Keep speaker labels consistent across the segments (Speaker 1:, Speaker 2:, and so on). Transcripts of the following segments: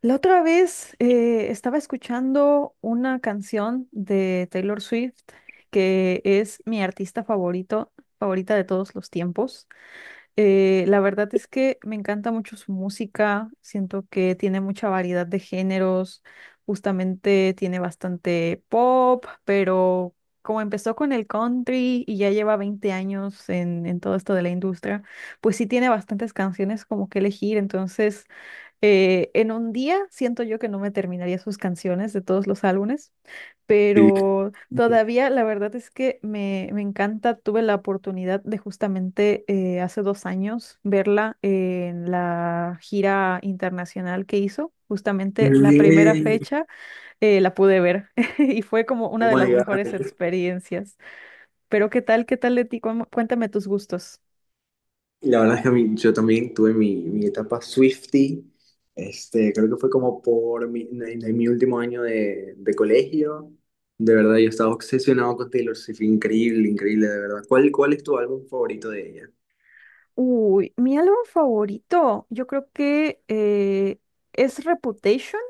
Speaker 1: La otra vez estaba escuchando una canción de Taylor Swift, que es mi artista favorito, favorita de todos los tiempos. La verdad es que me encanta mucho su música, siento que tiene mucha variedad de géneros, justamente tiene bastante pop, pero como empezó con el country y ya lleva 20 años en todo esto de la industria, pues sí tiene bastantes canciones como que elegir, entonces... En un día siento yo que no me terminaría sus canciones de todos los álbumes,
Speaker 2: Sí.
Speaker 1: pero todavía la verdad es que me encanta. Tuve la oportunidad de justamente hace 2 años verla en la gira internacional que hizo.
Speaker 2: Qué
Speaker 1: Justamente la primera
Speaker 2: bien.
Speaker 1: fecha la pude ver y fue como
Speaker 2: Oh
Speaker 1: una de
Speaker 2: my
Speaker 1: las
Speaker 2: God.
Speaker 1: mejores experiencias. Pero ¿qué tal? ¿Qué tal de ti? Cuéntame tus gustos.
Speaker 2: La verdad es que yo también tuve mi etapa Swiftie. Creo que fue como por en mi último año de colegio. De verdad, yo estaba obsesionado con Taylor Swift. Increíble, increíble, de verdad. ¿Cuál es tu álbum favorito de ella?
Speaker 1: Uy, mi álbum favorito, yo creo que es Reputation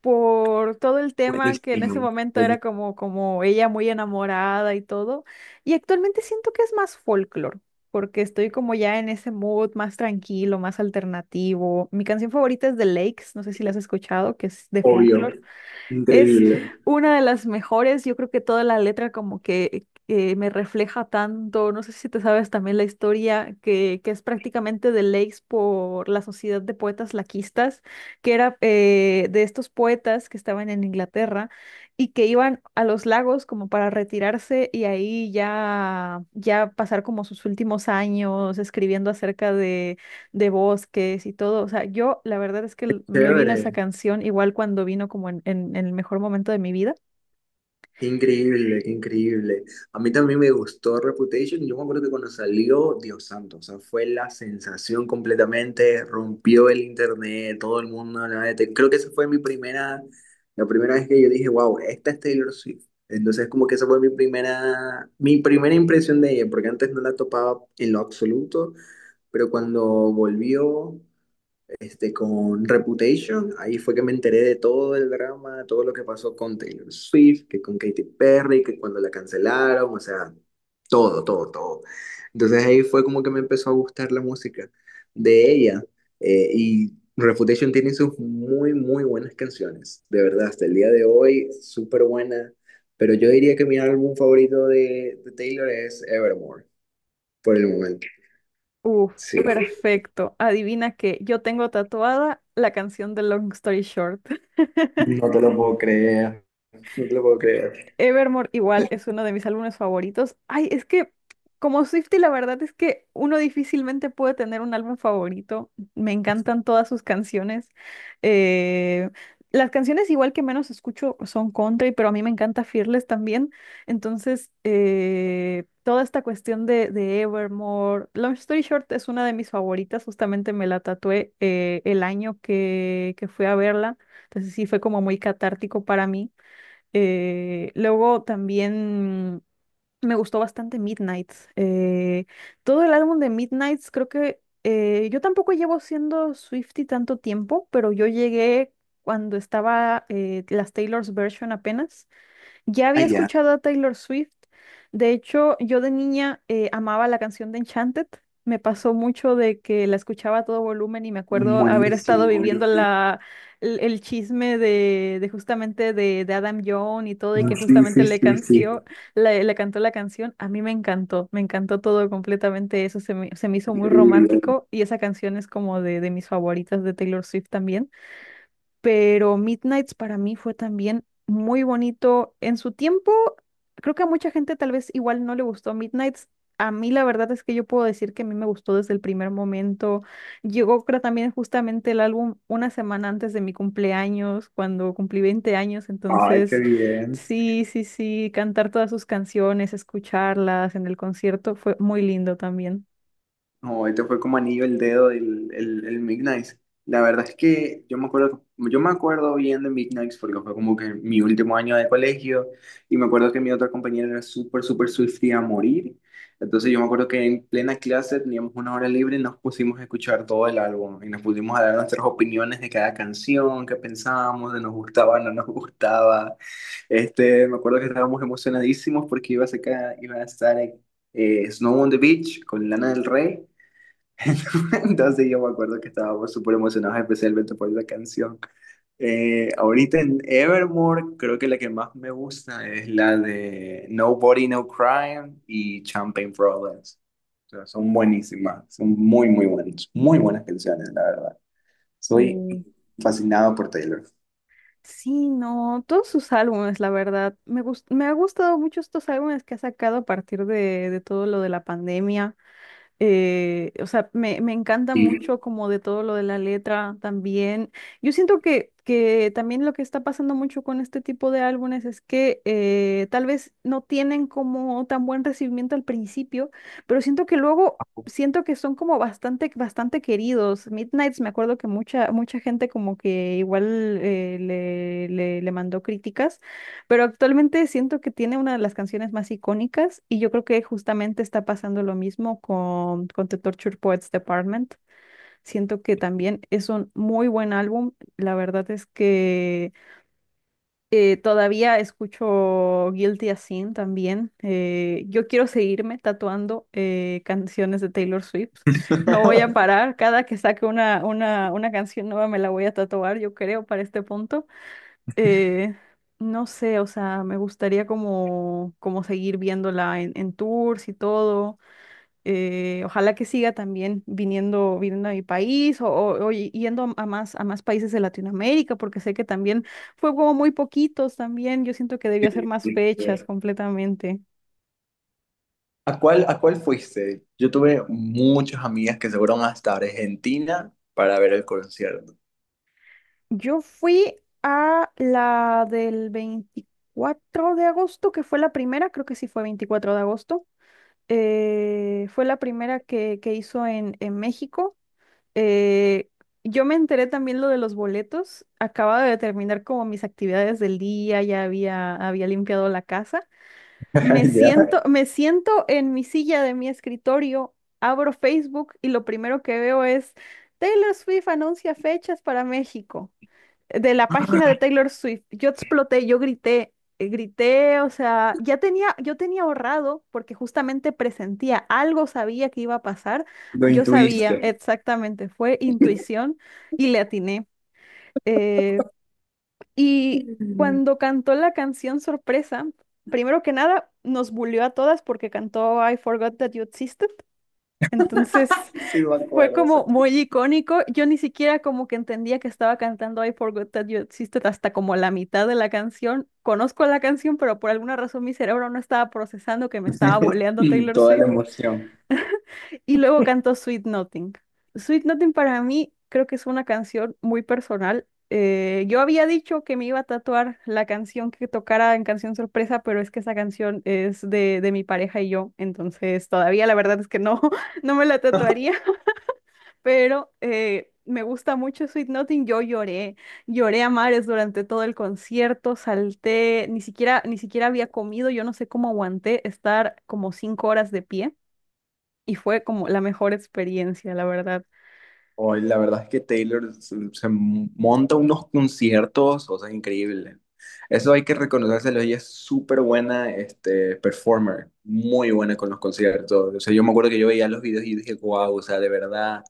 Speaker 1: por todo el tema que en ese
Speaker 2: Buenísimo.
Speaker 1: momento era
Speaker 2: El-
Speaker 1: como ella muy enamorada y todo. Y actualmente siento que es más folklore, porque estoy como ya en ese mood más tranquilo, más alternativo. Mi canción favorita es The Lakes, no sé si la has escuchado, que es de
Speaker 2: Obvio.
Speaker 1: folklore. Es
Speaker 2: Increíble.
Speaker 1: una de las mejores, yo creo que toda la letra como que me refleja tanto, no sé si te sabes también la historia, que es prácticamente de Lakes por la Sociedad de Poetas Laquistas, que era de estos poetas que estaban en Inglaterra y que iban a los lagos como para retirarse y ahí ya pasar como sus últimos años escribiendo acerca de bosques y todo. O sea, yo la verdad es que me vino esa
Speaker 2: Chévere.
Speaker 1: canción igual cuando vino como en el mejor momento de mi vida.
Speaker 2: Qué increíble, qué increíble. A mí también me gustó Reputation. Yo me acuerdo que cuando salió, Dios santo, o sea, fue la sensación completamente, rompió el internet, todo el mundo hablaba de Taylor. Creo que esa fue mi primera, la primera vez que yo dije, wow, esta es Taylor Swift. Entonces, como que esa fue mi primera impresión de ella, porque antes no la topaba en lo absoluto, pero cuando volvió, con Reputation. Ahí fue que me enteré de todo el drama, todo lo que pasó con Taylor Swift, que con Katy Perry, que cuando la cancelaron, o sea, todo, todo, todo. Entonces ahí fue como que me empezó a gustar la música de ella. Y Reputation tiene sus muy, muy buenas canciones, de verdad, hasta el día de hoy, súper buena. Pero yo diría que mi álbum favorito de Taylor es Evermore, por el momento.
Speaker 1: Uf,
Speaker 2: Sí.
Speaker 1: perfecto. Adivina que yo tengo tatuada la canción de Long Story Short.
Speaker 2: No te lo puedo creer, no te lo puedo creer.
Speaker 1: Evermore igual es uno de mis álbumes favoritos. Ay, es que como Swiftie la verdad es que uno difícilmente puede tener un álbum favorito. Me encantan todas sus canciones. Eh, las canciones igual que menos escucho son country, pero a mí me encanta Fearless también. Entonces, toda esta cuestión de Evermore, Long Story Short es una de mis favoritas. Justamente me la tatué el año que fui a verla. Entonces sí fue como muy catártico para mí. Luego también me gustó bastante Midnights. Todo el álbum de Midnights, creo que yo tampoco llevo siendo Swiftie tanto tiempo, pero yo llegué cuando estaba las Taylor's Version apenas. Ya
Speaker 2: Ah,
Speaker 1: había
Speaker 2: ya.
Speaker 1: escuchado a Taylor Swift. De hecho, yo de niña amaba la canción de Enchanted. Me pasó mucho de que la escuchaba a todo volumen y me acuerdo haber estado
Speaker 2: Buenísimo,
Speaker 1: viviendo
Speaker 2: buenísimo.
Speaker 1: la, el chisme de justamente de Adam Young y todo y que
Speaker 2: Sí,
Speaker 1: justamente
Speaker 2: sí, sí,
Speaker 1: canció,
Speaker 2: sí.
Speaker 1: le cantó la canción. A mí me encantó todo completamente eso. Se me hizo muy romántico y esa canción es como de mis favoritas de Taylor Swift también, pero Midnights para mí fue también muy bonito en su tiempo. Creo que a mucha gente tal vez igual no le gustó Midnights. A mí la verdad es que yo puedo decir que a mí me gustó desde el primer momento. Llegó creo también justamente el álbum una semana antes de mi cumpleaños, cuando cumplí 20 años.
Speaker 2: Ay, qué
Speaker 1: Entonces,
Speaker 2: bien.
Speaker 1: sí, sí, sí, cantar todas sus canciones, escucharlas en el concierto fue muy lindo también.
Speaker 2: No, este fue como anillo el dedo el Midnight. La verdad es que yo me acuerdo bien de Midnight porque fue como que mi último año de colegio y me acuerdo que mi otra compañera era súper, súper Swiftie a morir. Entonces yo me acuerdo que en plena clase teníamos una hora libre y nos pusimos a escuchar todo el álbum y nos pusimos a dar nuestras opiniones de cada canción, qué pensábamos, de nos gustaba, no nos gustaba. Me acuerdo que estábamos emocionadísimos porque iba a estar en Snow on the Beach con Lana del Rey. Entonces yo me acuerdo que estábamos súper emocionados, especialmente por esa canción. Ahorita en Evermore, creo que la que más me gusta es la de Nobody, No Crime y Champagne Problems. O sea, son buenísimas, son muy, muy buenas canciones, la verdad. Soy
Speaker 1: Mm.
Speaker 2: fascinado por Taylor.
Speaker 1: Sí, no, todos sus álbumes, la verdad. Me ha gustado mucho estos álbumes que ha sacado a partir de todo lo de la pandemia. O sea, me encanta
Speaker 2: Y-
Speaker 1: mucho como de todo lo de la letra también. Yo siento que también lo que está pasando mucho con este tipo de álbumes es que tal vez no tienen como tan buen recibimiento al principio, pero siento que luego siento que son como bastante, bastante queridos. Midnights, me acuerdo que mucha, mucha gente como que igual le mandó críticas. Pero actualmente siento que tiene una de las canciones más icónicas y yo creo que justamente está pasando lo mismo con The Torture Poets Department. Siento que también es un muy buen álbum. La verdad es que todavía escucho Guilty as Sin también. Yo quiero seguirme tatuando canciones de Taylor Swift. No voy a parar. Cada que saque una canción nueva me la voy a tatuar, yo creo, para este punto. Eh, no sé, o sea, me gustaría como seguir viéndola en tours y todo. Ojalá que siga también viniendo a mi país yendo a más países de Latinoamérica, porque sé que también fue como muy poquitos también. Yo siento que debió hacer más fechas completamente.
Speaker 2: a cuál fuiste? Yo tuve muchas amigas que se fueron hasta Argentina para ver el concierto.
Speaker 1: Yo fui a la del 24 de agosto, que fue la primera, creo que sí fue 24 de agosto. Fue la primera que hizo en México. Eh, yo me enteré también lo de los boletos. Acababa de terminar como mis actividades del día, ya había limpiado la casa.
Speaker 2: Ya.
Speaker 1: Me siento en mi silla de mi escritorio, abro Facebook y lo primero que veo es Taylor Swift anuncia fechas para México de la página de Taylor Swift. Yo exploté, yo grité, grité, o sea, ya tenía, yo tenía ahorrado porque justamente presentía algo, sabía que iba a pasar.
Speaker 2: Lo
Speaker 1: Yo sabía
Speaker 2: intuiste.
Speaker 1: exactamente, fue intuición y le atiné. Eh, y
Speaker 2: Sí,
Speaker 1: cuando cantó la canción Sorpresa, primero que nada, nos bulió a todas porque cantó I Forgot That You Existed. Entonces,
Speaker 2: me
Speaker 1: fue
Speaker 2: acuerdo, o sea,
Speaker 1: como muy icónico. Yo ni siquiera como que entendía que estaba cantando I Forgot That You Existed hasta como la mitad de la canción. Conozco la canción, pero por alguna razón mi cerebro no estaba procesando que me estaba boleando Taylor
Speaker 2: toda la
Speaker 1: Swift.
Speaker 2: emoción.
Speaker 1: Y luego cantó Sweet Nothing. Sweet Nothing para mí creo que es una canción muy personal. Yo había dicho que me iba a tatuar la canción que tocara en canción sorpresa, pero es que esa canción es de mi pareja y yo, entonces todavía la verdad es que no, no me la tatuaría, pero me gusta mucho Sweet Nothing. Yo lloré, lloré a mares durante todo el concierto, salté, ni siquiera, ni siquiera había comido, yo no sé cómo aguanté estar como 5 horas de pie y fue como la mejor experiencia, la verdad.
Speaker 2: Hoy la verdad es que Taylor se, se monta unos conciertos, o sea, increíble. Eso hay que reconocérselo, ella es súper buena, performer, muy buena con los conciertos. O sea, yo me acuerdo que yo veía los videos y dije, wow, o sea, de verdad.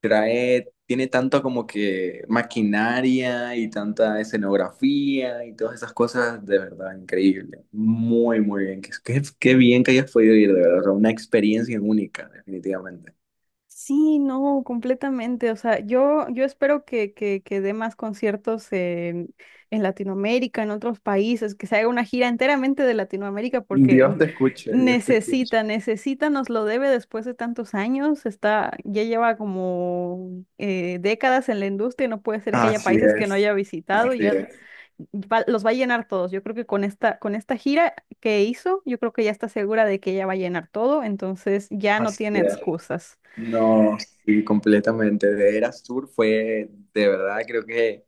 Speaker 2: Trae, tiene tanto como que maquinaria y tanta escenografía y todas esas cosas, de verdad, increíble. Muy, muy bien. Qué bien que hayas podido ir, de verdad. O sea, una experiencia única, definitivamente.
Speaker 1: Sí, no, completamente. O sea, yo espero que dé más conciertos en Latinoamérica, en otros países, que se haga una gira enteramente de Latinoamérica, porque
Speaker 2: Dios te escuche, Dios te escuche.
Speaker 1: necesita, necesita, nos lo debe después de tantos años. Está, ya lleva como décadas en la industria, y no puede ser que haya
Speaker 2: Así
Speaker 1: países que no
Speaker 2: es,
Speaker 1: haya visitado, y
Speaker 2: así
Speaker 1: ya
Speaker 2: es.
Speaker 1: los va a llenar todos. Yo creo que con con esta gira que hizo, yo creo que ya está segura de que ella va a llenar todo, entonces ya no
Speaker 2: Así
Speaker 1: tiene
Speaker 2: es.
Speaker 1: excusas.
Speaker 2: No, sí, completamente. De Eras Tour fue, de verdad, creo que...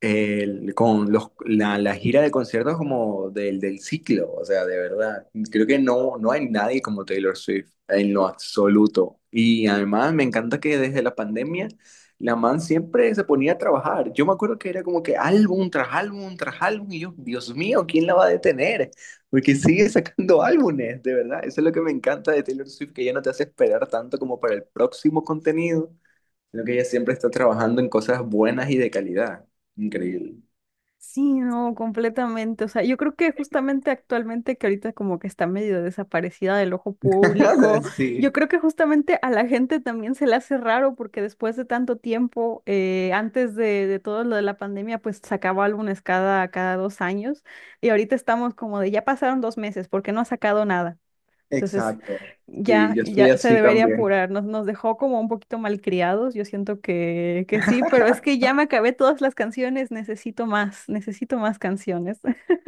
Speaker 2: Con la gira de conciertos como del ciclo, o sea, de verdad. Creo que no, no hay nadie como Taylor Swift en lo absoluto. Y además me encanta que desde la pandemia la man siempre se ponía a trabajar. Yo me acuerdo que era como que álbum tras álbum tras álbum y yo, Dios mío, ¿quién la va a detener? Porque sigue sacando álbumes, de verdad. Eso es lo que me encanta de Taylor Swift, que ya no te hace esperar tanto como para el próximo contenido. Sino que ella siempre está trabajando en cosas buenas y de calidad. Increíble.
Speaker 1: Sí, no, completamente. O sea, yo creo que justamente actualmente que ahorita como que está medio desaparecida del ojo público, yo
Speaker 2: Sí,
Speaker 1: creo que justamente a la gente también se le hace raro porque después de tanto tiempo, antes de todo lo de la pandemia, pues sacaba álbumes cada 2 años y ahorita estamos como de ya pasaron 2 meses, ¿porque no ha sacado nada? Entonces,
Speaker 2: exacto. Sí, yo estoy
Speaker 1: ya se
Speaker 2: así
Speaker 1: debería
Speaker 2: también.
Speaker 1: apurar. Nos dejó como un poquito malcriados. Yo siento que sí, pero es que ya me acabé todas las canciones. Necesito más canciones.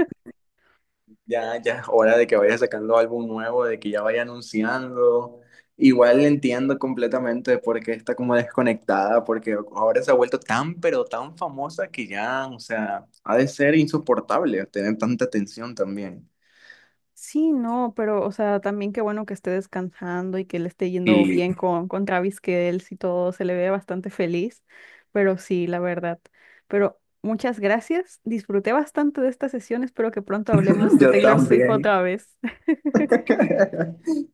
Speaker 2: Ya, ya es hora de que vaya sacando álbum nuevo, de que ya vaya anunciando. Igual entiendo completamente por qué está como desconectada, porque ahora se ha vuelto tan, pero tan famosa que ya, o sea, ha de ser insoportable tener tanta atención también.
Speaker 1: Sí, no, pero, o sea, también qué bueno que esté descansando y que le esté yendo
Speaker 2: Y
Speaker 1: bien con Travis, que él sí todo se le ve bastante feliz. Pero sí, la verdad. Pero muchas gracias. Disfruté bastante de esta sesión. Espero que pronto hablemos de
Speaker 2: yo
Speaker 1: Taylor Swift
Speaker 2: también.
Speaker 1: otra vez.
Speaker 2: Es